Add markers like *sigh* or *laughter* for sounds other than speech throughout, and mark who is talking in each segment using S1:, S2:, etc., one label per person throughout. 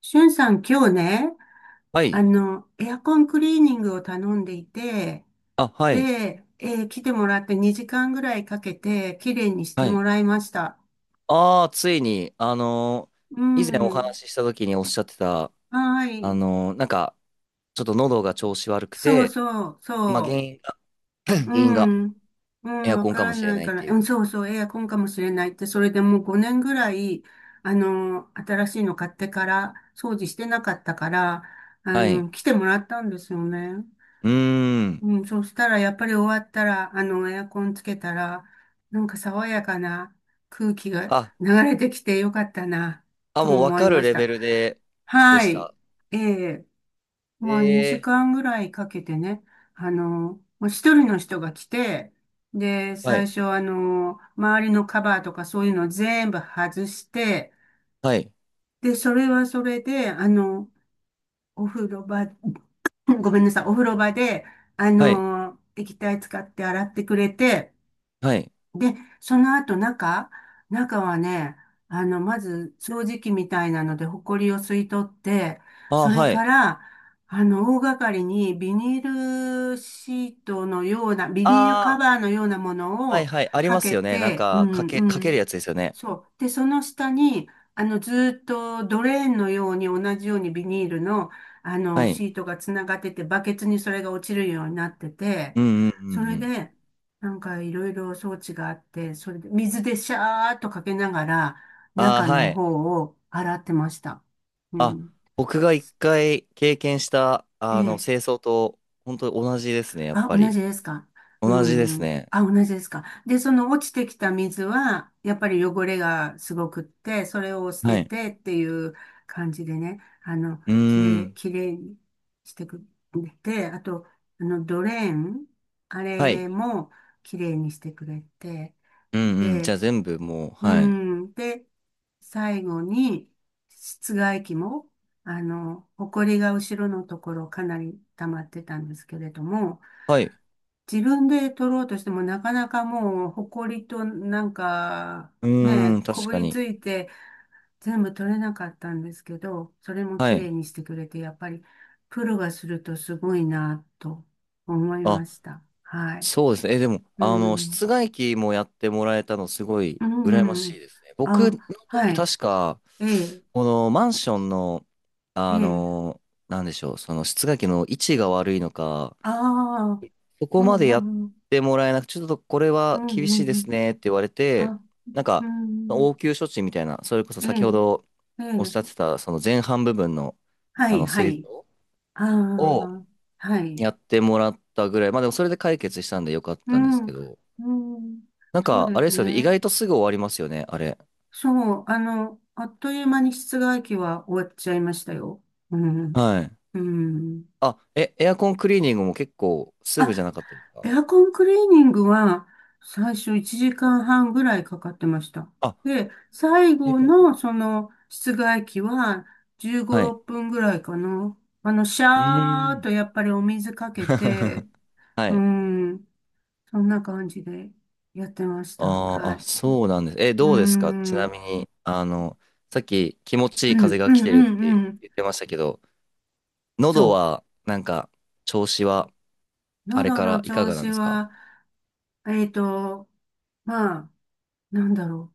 S1: しゅんさん、今日ね、
S2: はい。
S1: エアコンクリーニングを頼んでいて、
S2: あ、はい。
S1: で、来てもらって2時間ぐらいかけて、綺麗にして
S2: はい。
S1: もらいました。
S2: ああ、ついに、
S1: う
S2: 以前お
S1: ん。
S2: 話しした時におっしゃってた、
S1: は
S2: あ
S1: い。
S2: のーなんか、ちょっと喉が調子悪く
S1: そう
S2: て、
S1: そう、
S2: まあ、原
S1: そ
S2: 因が、*clears throat*
S1: う。
S2: 原因
S1: う
S2: が
S1: ん。う
S2: エ
S1: ん、
S2: ア
S1: わ
S2: コン
S1: か
S2: かも
S1: ら
S2: しれ
S1: ない
S2: ない
S1: か
S2: っ
S1: ら、
S2: てい
S1: うん、
S2: う。
S1: そうそう、エアコンかもしれないって、それでもう5年ぐらい、新しいの買ってから、掃除してなかったから、
S2: はい。
S1: 来てもらったんですよね。
S2: うーん。
S1: うん、そしたら、やっぱり終わったら、エアコンつけたら、なんか爽やかな空気が
S2: あ、
S1: 流れてきてよかったな
S2: あ、
S1: と
S2: もうわ
S1: 思い
S2: か
S1: ま
S2: る
S1: し
S2: レ
S1: た。
S2: ベルで、で
S1: は
S2: し
S1: い。
S2: た。
S1: ええ、まあ2
S2: ええ。
S1: 時間ぐらいかけてね、あの、もう一人の人が来て、で、
S2: は
S1: 最
S2: い。
S1: 初周りのカバーとかそういうの全部外して、
S2: はい。
S1: で、それはそれで、お風呂場 *laughs* ごめんなさい、お風呂場で、
S2: はい。
S1: 液体使って洗ってくれて、
S2: はい。
S1: で、その後中はね、まず掃除機みたいなので、ホコリを吸い取って、
S2: あ
S1: そ
S2: あ、
S1: れ
S2: は
S1: か
S2: い。
S1: ら、大掛かりにビニールシートのような、ビニールカ
S2: あ
S1: バーのようなも
S2: あ、
S1: の
S2: はい
S1: を
S2: はい。あり
S1: か
S2: ます
S1: け
S2: よね。なん
S1: て、う
S2: か、か
S1: ん
S2: け、
S1: う
S2: かける
S1: ん。
S2: やつですよね。
S1: そう。で、その下に、ずーっとドレーンのように同じようにビニールの、
S2: はい。
S1: シートがつながってて、バケツにそれが落ちるようになってて、
S2: うんうんう
S1: そ
S2: んう
S1: れ
S2: ん。
S1: で、なんかいろいろ装置があって、それで水でシャーっとかけながら、
S2: ああ、
S1: 中
S2: は
S1: の
S2: い。
S1: 方を洗ってました。う
S2: あ、
S1: ん。
S2: 僕が一回経験した、
S1: え
S2: あの、
S1: え。
S2: 清掃と、本当に同じですね、やっ
S1: あ、
S2: ぱ
S1: 同
S2: り。
S1: じですか。う
S2: 同じです
S1: ん。
S2: ね。
S1: あ、同じですか。で、その落ちてきた水は、やっぱり汚れがすごくって、それを捨て
S2: はい。
S1: てっていう感じでね、
S2: うーん。
S1: きれいにしてくれて、あと、ドレーン、あ
S2: はい。
S1: れもきれいにしてくれて、
S2: うんうん。じゃ
S1: で、
S2: あ全部もう、
S1: う
S2: はい。
S1: ん。で、最後に、室外機も、埃が後ろのところかなり溜まってたんですけれども、
S2: はい。
S1: 自分で取ろうとしてもなかなかもう、埃となんか、
S2: うー
S1: ね、
S2: ん、
S1: こ
S2: 確
S1: ぶ
S2: か
S1: り
S2: に。
S1: ついて全部取れなかったんですけど、それも
S2: は
S1: 綺麗
S2: い。
S1: にしてくれて、やっぱりプロがするとすごいなと思いま
S2: あ、
S1: した。はい。
S2: そうですね。え、でも、
S1: う
S2: あの、室
S1: ん。
S2: 外機もやってもらえたの、すごい、
S1: う
S2: 羨ま
S1: ん、うん。
S2: しいですね。僕
S1: あ、
S2: の
S1: は
S2: 時、
S1: い。
S2: 確か、
S1: ええ、
S2: このマンションの、
S1: え
S2: あ
S1: え。
S2: の、なんでしょう、その室外機の位置が悪いのか、
S1: ああ、
S2: そ
S1: う
S2: こ
S1: ん、
S2: まで
S1: う
S2: やっ
S1: ん、うん、
S2: てもらえなく、ちょっとこれ
S1: う
S2: は厳し
S1: ん。
S2: いで
S1: う
S2: す
S1: ん、
S2: ねって言われて、
S1: あ、
S2: なん
S1: う
S2: か、
S1: ん。
S2: 応急処置みたいな、それこそ
S1: え
S2: 先ほ
S1: え、
S2: ど
S1: え
S2: おっしゃっ
S1: え。
S2: てた、その前半部分の、
S1: は
S2: あ
S1: い、
S2: の、
S1: は
S2: 清
S1: い。
S2: 掃
S1: あ
S2: を
S1: あ、はい。
S2: やってもらったぐらい、まあでもそれで解決したんでよかっ
S1: う
S2: たんです
S1: ん、
S2: けど、
S1: うん、
S2: なん
S1: そう
S2: か、
S1: で
S2: あれ
S1: す
S2: ですよね、意
S1: ね。
S2: 外とすぐ終わりますよね、あれ。
S1: そう、あっという間に室外機は終わっちゃいましたよ。うん、
S2: はい。
S1: うん。
S2: あ、え、エアコンクリーニングも結構すぐじゃ
S1: あ、
S2: なかったです
S1: エ
S2: か？
S1: アコンクリーニングは最初1時間半ぐらいかかってました。
S2: あ、
S1: で、最
S2: 時
S1: 後
S2: 間。
S1: のその室外機は15、
S2: はい。
S1: 6分ぐらいかな。シャ
S2: うー
S1: ーっと
S2: ん。
S1: やっぱりお水かけて、
S2: *laughs* は
S1: う
S2: い。
S1: ん、そんな感じでやってました。
S2: あー
S1: は
S2: あ、
S1: い。
S2: そうなんです。え、
S1: うー
S2: どうですかちな
S1: ん。
S2: みに、あの、さっき気持ち
S1: う
S2: いい風
S1: んう
S2: が
S1: ん
S2: 来て
S1: う
S2: るって
S1: んうん。
S2: 言ってましたけど、喉
S1: そ
S2: は、なんか、調子は、
S1: う。
S2: あれ
S1: 喉
S2: か
S1: の
S2: らいか
S1: 調
S2: がなん
S1: 子
S2: ですか？
S1: は、えっと、まあ、なんだろ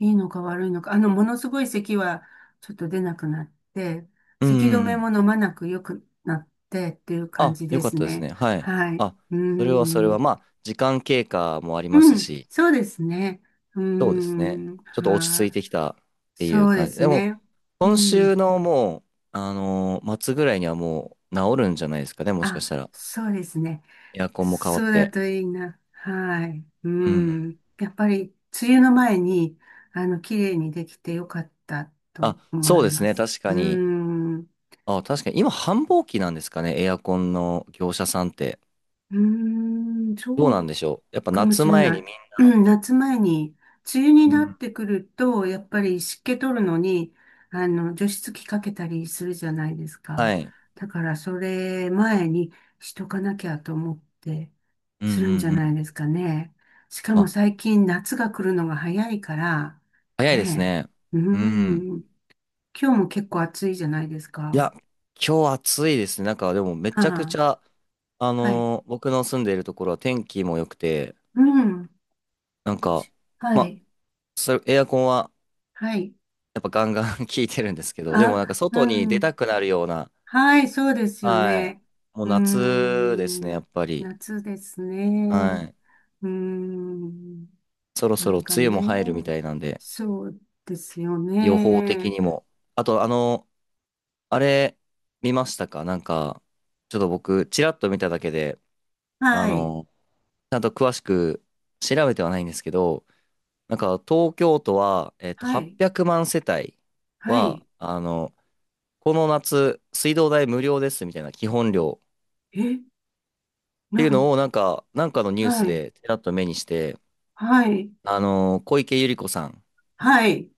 S1: う。いいのか悪いのか。ものすごい咳はちょっと出なくなって、
S2: うんう
S1: 咳止
S2: んう
S1: めも
S2: ん。
S1: 飲まなく良くなってっていう感
S2: あ、
S1: じで
S2: よかっ
S1: す
S2: たです
S1: ね。
S2: ね。はい。
S1: はい。
S2: あ、
S1: うー
S2: それはそれは、
S1: ん。
S2: まあ、時間経過もありま
S1: う
S2: す
S1: ん。
S2: し、
S1: そうですね。うー
S2: そうですね。
S1: ん。
S2: ちょっと落ち着い
S1: はい。
S2: てきたってい
S1: そ
S2: う
S1: うで
S2: 感じ。
S1: す
S2: でも、
S1: ね。う
S2: 今
S1: ん。
S2: 週のもう、末ぐらいにはもう治るんじゃないですかね、もしか
S1: あ、
S2: したら。
S1: そうですね。
S2: エアコンも変わ
S1: そ
S2: っ
S1: うだ
S2: て。
S1: といいな。はい。う
S2: うん。
S1: ん。やっぱり、梅雨の前に、綺麗にできてよかった
S2: あ、
S1: と思
S2: そうで
S1: い
S2: す
S1: ま
S2: ね。
S1: す。
S2: 確か
S1: う
S2: に。
S1: ん。
S2: あ、確かに。今、繁忙期なんですかね。エアコンの業者さんって。
S1: うん。
S2: どう
S1: そ
S2: な
S1: う
S2: んでしょう。やっぱ
S1: かも
S2: 夏
S1: しれ
S2: 前
S1: な
S2: にみ
S1: い。
S2: ん、
S1: うん、夏前に、梅雨に
S2: う
S1: なっ
S2: ん、
S1: てくると、やっぱり湿気取るのに、除湿機かけたりするじゃないです
S2: は
S1: か。
S2: い。
S1: だから、それ前にしとかなきゃと思って、
S2: うんう
S1: するんじゃ
S2: んう
S1: ない
S2: ん。
S1: ですかね。しかも
S2: あ、
S1: 最近夏が来るのが早いから、
S2: 早いです
S1: ね
S2: ね。
S1: え、う
S2: うん。
S1: ん、今日も結構暑いじゃないです
S2: い
S1: か。
S2: や、今日暑いですね。なんか、でもめ
S1: は
S2: ちゃくち
S1: あ、
S2: ゃ、
S1: はい。
S2: 僕の住んでいるところは天気も良くて、
S1: うん。
S2: なん
S1: う
S2: か、
S1: ち、は
S2: ま、
S1: い。
S2: それ、エアコンは
S1: はい。
S2: やっぱガンガン *laughs* 効いてるんですけど、でも
S1: あ、
S2: なんか
S1: う
S2: 外に出
S1: ん。
S2: たくなるような、
S1: はい、そうですよ
S2: は
S1: ね。
S2: い。もう
S1: うー
S2: 夏で
S1: ん、
S2: すね、やっぱり。
S1: 夏です
S2: は
S1: ね。
S2: い。
S1: うーん、
S2: そろそ
S1: な
S2: ろ
S1: ん
S2: 梅
S1: か
S2: 雨も
S1: ね、
S2: 入るみたいなんで、
S1: そうですよ
S2: 予報的
S1: ね。
S2: にも。あと、あの、あれ、見ましたかなんか、ちょっと僕、ちらっと見ただけで、あ
S1: はい、
S2: の、ちゃんと詳しく調べてはないんですけど、なんか、東京都は、えっと、
S1: はい、
S2: 800万世帯
S1: は
S2: は、
S1: い。
S2: あの、この夏、水道代無料ですみたいな基本料
S1: え、
S2: って
S1: な
S2: いう
S1: ん、
S2: のを、なんかのニュース
S1: はい、
S2: でちらっと目にして、
S1: はい、
S2: あの、小池百合子さん
S1: はい、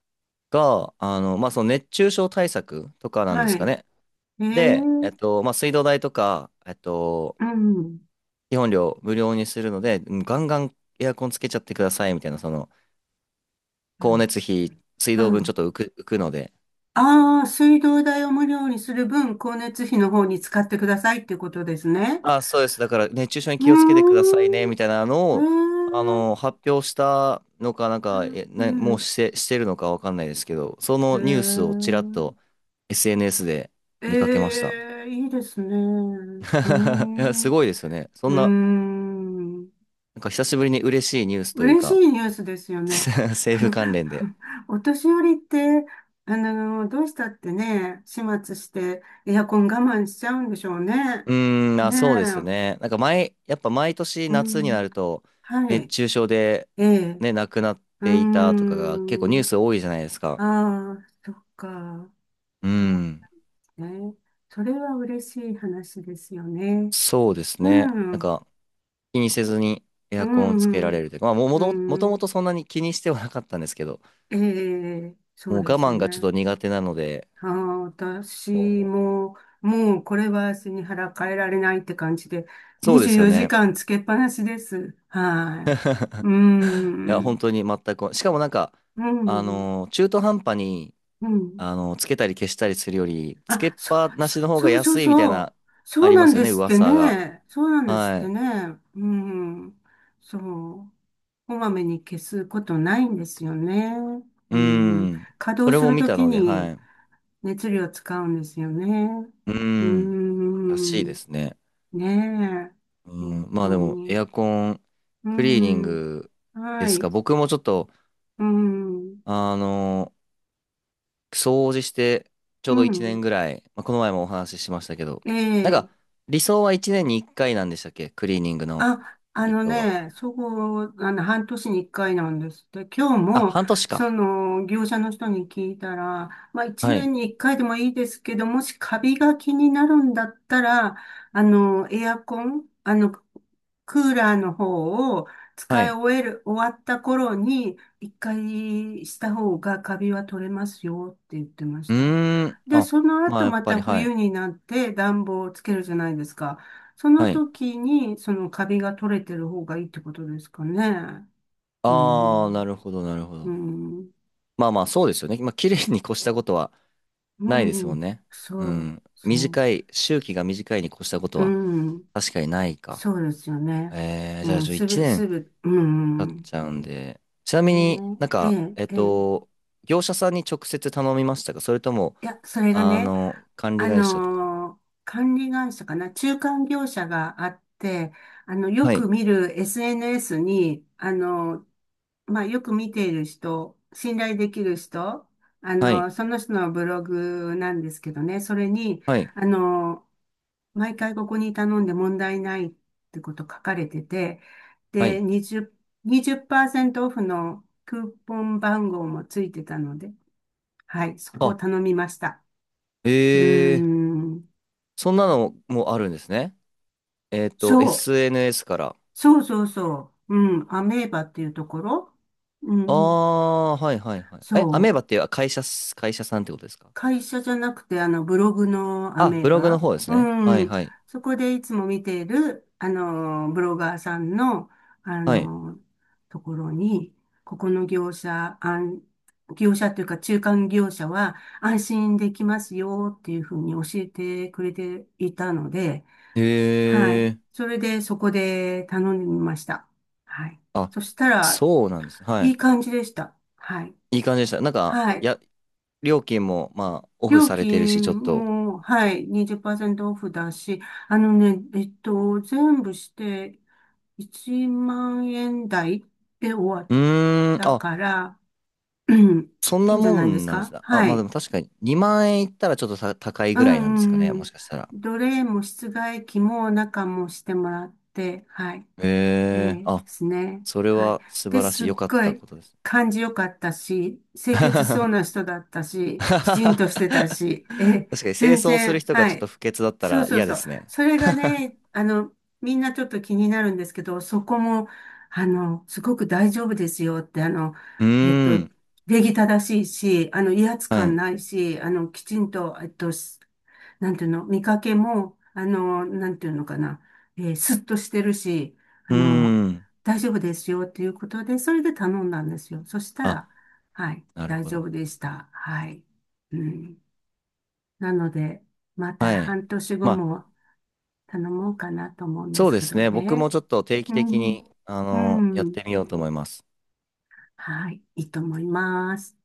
S2: が、あの、まあ、その熱中症対策とかなんで
S1: は
S2: すか
S1: い。
S2: ね。
S1: え
S2: で、え
S1: ー、
S2: っと、まあ、水道代とか、えっと、
S1: うん、
S2: 基本料無料にするので、うんガンガンエアコンつけちゃってくださいみたいな、その、
S1: う
S2: 光
S1: ん。
S2: 熱費、水道分ちょっと浮くので、
S1: ああー、水道代を無料にする分、光熱費の方に使ってくださいっていうことですね。
S2: あ、そうです。だから熱中症に
S1: うー
S2: 気をつけてくださいね、
S1: ん、う
S2: みたいなのを、あ
S1: ーん
S2: の、発表したのか、なんか、え、
S1: う
S2: な、もう
S1: ん。
S2: して、してるのかわかんないですけど、そ
S1: え
S2: のニュースをちらっと
S1: ー、
S2: SNS で
S1: え
S2: 見かけました。
S1: いいですね。うー
S2: *laughs* いや、
S1: ん。
S2: す
S1: う
S2: ごいですよね。そ
S1: ー
S2: んな、
S1: ん。
S2: なんか久しぶりに嬉しいニュースという
S1: 嬉し
S2: か、
S1: いニュースですよ
S2: *laughs*
S1: ね。
S2: 政府関
S1: *laughs*
S2: 連で。
S1: お年寄りって、どうしたってね、始末してエアコン我慢しちゃうんでしょうね。
S2: うーん、あ、
S1: ね
S2: そうですね。なんか毎、やっぱ毎年
S1: え。う
S2: 夏に
S1: ん。
S2: なると、
S1: は
S2: 熱
S1: い。
S2: 中症で、
S1: ええ。
S2: ね、亡くなっ
S1: う
S2: ていたとかが結構ニュ
S1: ー
S2: ー
S1: ん。
S2: ス多いじゃないですか。
S1: ああ、そっか。
S2: う
S1: そ
S2: ん、
S1: うね。それは嬉しい話ですよね。
S2: そうです
S1: う
S2: ね。
S1: ん、
S2: な
S1: う
S2: ん
S1: ん、
S2: か気にせずにエアコンをつけられるというか、
S1: う
S2: もと
S1: ん、
S2: も
S1: う
S2: と
S1: ん、
S2: そんなに気にしてはなかったんですけど、
S1: ええ、そ
S2: も
S1: う
S2: う
S1: で
S2: 我
S1: す
S2: 慢がちょっと
S1: ね。
S2: 苦手なので、
S1: ああ、私
S2: も
S1: も、もうこれは背に腹変えられないって感じで、
S2: うそうで
S1: 24
S2: すよ
S1: 時
S2: ね。
S1: 間つけっぱなしです。は
S2: *laughs*
S1: い。う
S2: いや、
S1: ん、
S2: 本当に全く、しかもなんか、
S1: うん、
S2: 中途半端に、
S1: うん。
S2: あの、つけたり消したりするより、つけっ
S1: あ、
S2: ぱなしの方が
S1: そうそう
S2: 安いみたい
S1: そう。
S2: な、あ
S1: そう
S2: り
S1: な
S2: ま
S1: ん
S2: すよ
S1: で
S2: ね、
S1: すって
S2: 噂が。
S1: ね。そうなんですっ
S2: は
S1: て
S2: い。
S1: ね。うん、そう。こまめに消すことないんですよね。う
S2: う
S1: ん、
S2: ん。
S1: 稼
S2: そ
S1: 働
S2: れ
S1: す
S2: も
S1: る
S2: 見
S1: と
S2: た
S1: き
S2: ので、は
S1: に
S2: い。
S1: 熱量使うんですよね。
S2: う
S1: う
S2: ん。らし
S1: ん、
S2: いですね。
S1: ね
S2: う
S1: え、
S2: ん。
S1: 本
S2: まあで
S1: 当
S2: も、エ
S1: に。
S2: アコン、
S1: う
S2: クリーニン
S1: ん、
S2: グで
S1: は
S2: す
S1: い、
S2: か。僕もちょっと、
S1: うん、
S2: あの、掃除して、ちょ
S1: う
S2: うど1年
S1: ん、
S2: ぐらい、まあ、この前もお話ししましたけど、なん
S1: え
S2: か、
S1: え、
S2: 理想は1年に1回なんでしたっけクリーニングの
S1: あ、
S2: 理想は。
S1: そこ、半年に一回なんですって。今日
S2: あ、
S1: も、
S2: 半年か。
S1: 業者の人に聞いたら、まあ、一
S2: は
S1: 年
S2: い。
S1: に一回でもいいですけど、もしカビが気になるんだったら、あの、エアコン、あの、クーラーの方を
S2: は
S1: 使い
S2: い。
S1: 終える、終わった頃に、一回した方がカビは取れますよって言ってまし
S2: う
S1: た。
S2: ーん。
S1: で、
S2: あ、
S1: その
S2: まあ
S1: 後
S2: やっ
S1: ま
S2: ぱ
S1: た
S2: り、はい。
S1: 冬になって暖房をつけるじゃないですか。その
S2: はい。
S1: 時に、そのカビが取れてる方がいいってことですかね。う
S2: ああ、な
S1: ん、
S2: るほど、なるほ
S1: う
S2: ど。
S1: ん、
S2: まあまあ、そうですよね。まあ、綺麗に越したことはないです
S1: う
S2: も
S1: ん、
S2: んね。う
S1: そう、
S2: ん。
S1: そ
S2: 短い、周期が短いに越したこと
S1: う、
S2: は
S1: うん、
S2: 確かにないか。
S1: そうですよね。
S2: えー、
S1: う
S2: じゃあ、
S1: ん、
S2: ちょ、
S1: す
S2: 1
S1: る、す
S2: 年
S1: る、う
S2: 経っ
S1: ん、
S2: ちゃうんで。ちなみに
S1: ね
S2: なん
S1: え、え
S2: か、
S1: え、
S2: えっ
S1: ええ。
S2: と、業者さんに直接頼みましたかそれとも、
S1: いや、それが
S2: あ
S1: ね、
S2: の、管理
S1: あ
S2: 会社とか。
S1: のー管理会社かな、中間業者があって、よ
S2: は
S1: く
S2: い。
S1: 見る SNS に、まあ、よく見ている人、信頼できる人、
S2: はい。
S1: その人のブログなんですけどね、それに、
S2: はい。
S1: あのー毎回ここに頼んで問題ないってこと書かれてて、
S2: は
S1: で、
S2: い。
S1: 20、にじゅっパーセントオフのクーポン番号もついてたので、はい、そこを
S2: あ、
S1: 頼みました。うー
S2: えー、
S1: ん。
S2: そんなのもあるんですね。えっと、
S1: そう。
S2: SNS から。
S1: そうそうそう。うん。アメーバっていうところ。う
S2: あ
S1: ん。
S2: あ、はいはいはい。え、ア
S1: そ
S2: メ
S1: う。
S2: ーバっていう会社っす、会社さんってことですか？
S1: 会社じゃなくて、ブログのア
S2: あ、
S1: メー
S2: ブログの
S1: バ。
S2: 方ですね。
S1: う
S2: はい
S1: ん。
S2: はい。
S1: そこでいつも見ている、ブロガーさんの、あ
S2: はい。
S1: の、ところに、ここの業者、業者というか中間業者は安心できますよっていうふうに教えてくれていたので、は
S2: へ
S1: い。
S2: え。
S1: それで、そこで頼んでみました。はい。
S2: あ、
S1: そしたら、
S2: そうなんですね。は
S1: いい
S2: い。
S1: 感じでした。はい。
S2: いい感じでした。なんか、
S1: はい。
S2: や、料金も、まあ、オフ
S1: 料
S2: されてるし、
S1: 金
S2: ちょっと。
S1: も、はい、20%オフだし、あのね、えっと、全部して、1万円台で終わっ
S2: うーん、
S1: た
S2: あ、
S1: から、*clears throat* うん、
S2: そん
S1: い
S2: な
S1: いんじゃ
S2: も
S1: ないです
S2: んなんです
S1: か。
S2: ね。あ、
S1: は
S2: まあで
S1: い。
S2: も確かに2万円いったらちょっと高い
S1: う
S2: ぐらいなんですか
S1: んう
S2: ね。
S1: んう
S2: も
S1: ん。
S2: しかしたら。
S1: 奴隷も室外機も中もしてもらって、はい。
S2: へえ。
S1: で
S2: あ、
S1: すね。
S2: それ
S1: はい。
S2: は素
S1: で、
S2: 晴らしい。
S1: すっ
S2: 良かっ
S1: ご
S2: た
S1: い
S2: ことです。
S1: 感じよかったし、清潔そう
S2: *laughs*
S1: な人だった
S2: *laughs*
S1: し、
S2: 確
S1: きちんとしてた
S2: か
S1: し、
S2: に清
S1: 全
S2: 掃する
S1: 然、
S2: 人が
S1: は
S2: ちょっと
S1: い。
S2: 不潔だった
S1: そう
S2: ら
S1: そう
S2: 嫌で
S1: そう。
S2: すね。
S1: それがね、みんなちょっと気になるんですけど、そこも、すごく大丈夫ですよって、
S2: う
S1: えっ
S2: ー
S1: と、
S2: ん。
S1: 礼儀正しいし、威圧
S2: はい。
S1: 感
S2: う
S1: ないし、きちんと、なんていうの、見かけも、なんていうのかな、スッとしてるし、あ
S2: ー
S1: の、
S2: ん。
S1: 大丈夫ですよっていうことで、それで頼んだんですよ。そした
S2: あ、
S1: ら、はい、
S2: なる
S1: 大
S2: ほ
S1: 丈夫
S2: ど。
S1: でした。はい。うん。なので、また
S2: はい。
S1: 半年後
S2: まあ、
S1: も、頼もうかなと思うんで
S2: そう
S1: す
S2: で
S1: け
S2: す
S1: ど
S2: ね。僕
S1: ね。
S2: もちょっと定期
S1: う
S2: 的
S1: ん、
S2: に、あ
S1: う
S2: の、やっ
S1: ん、
S2: てみようと思います。
S1: はい、いいと思います。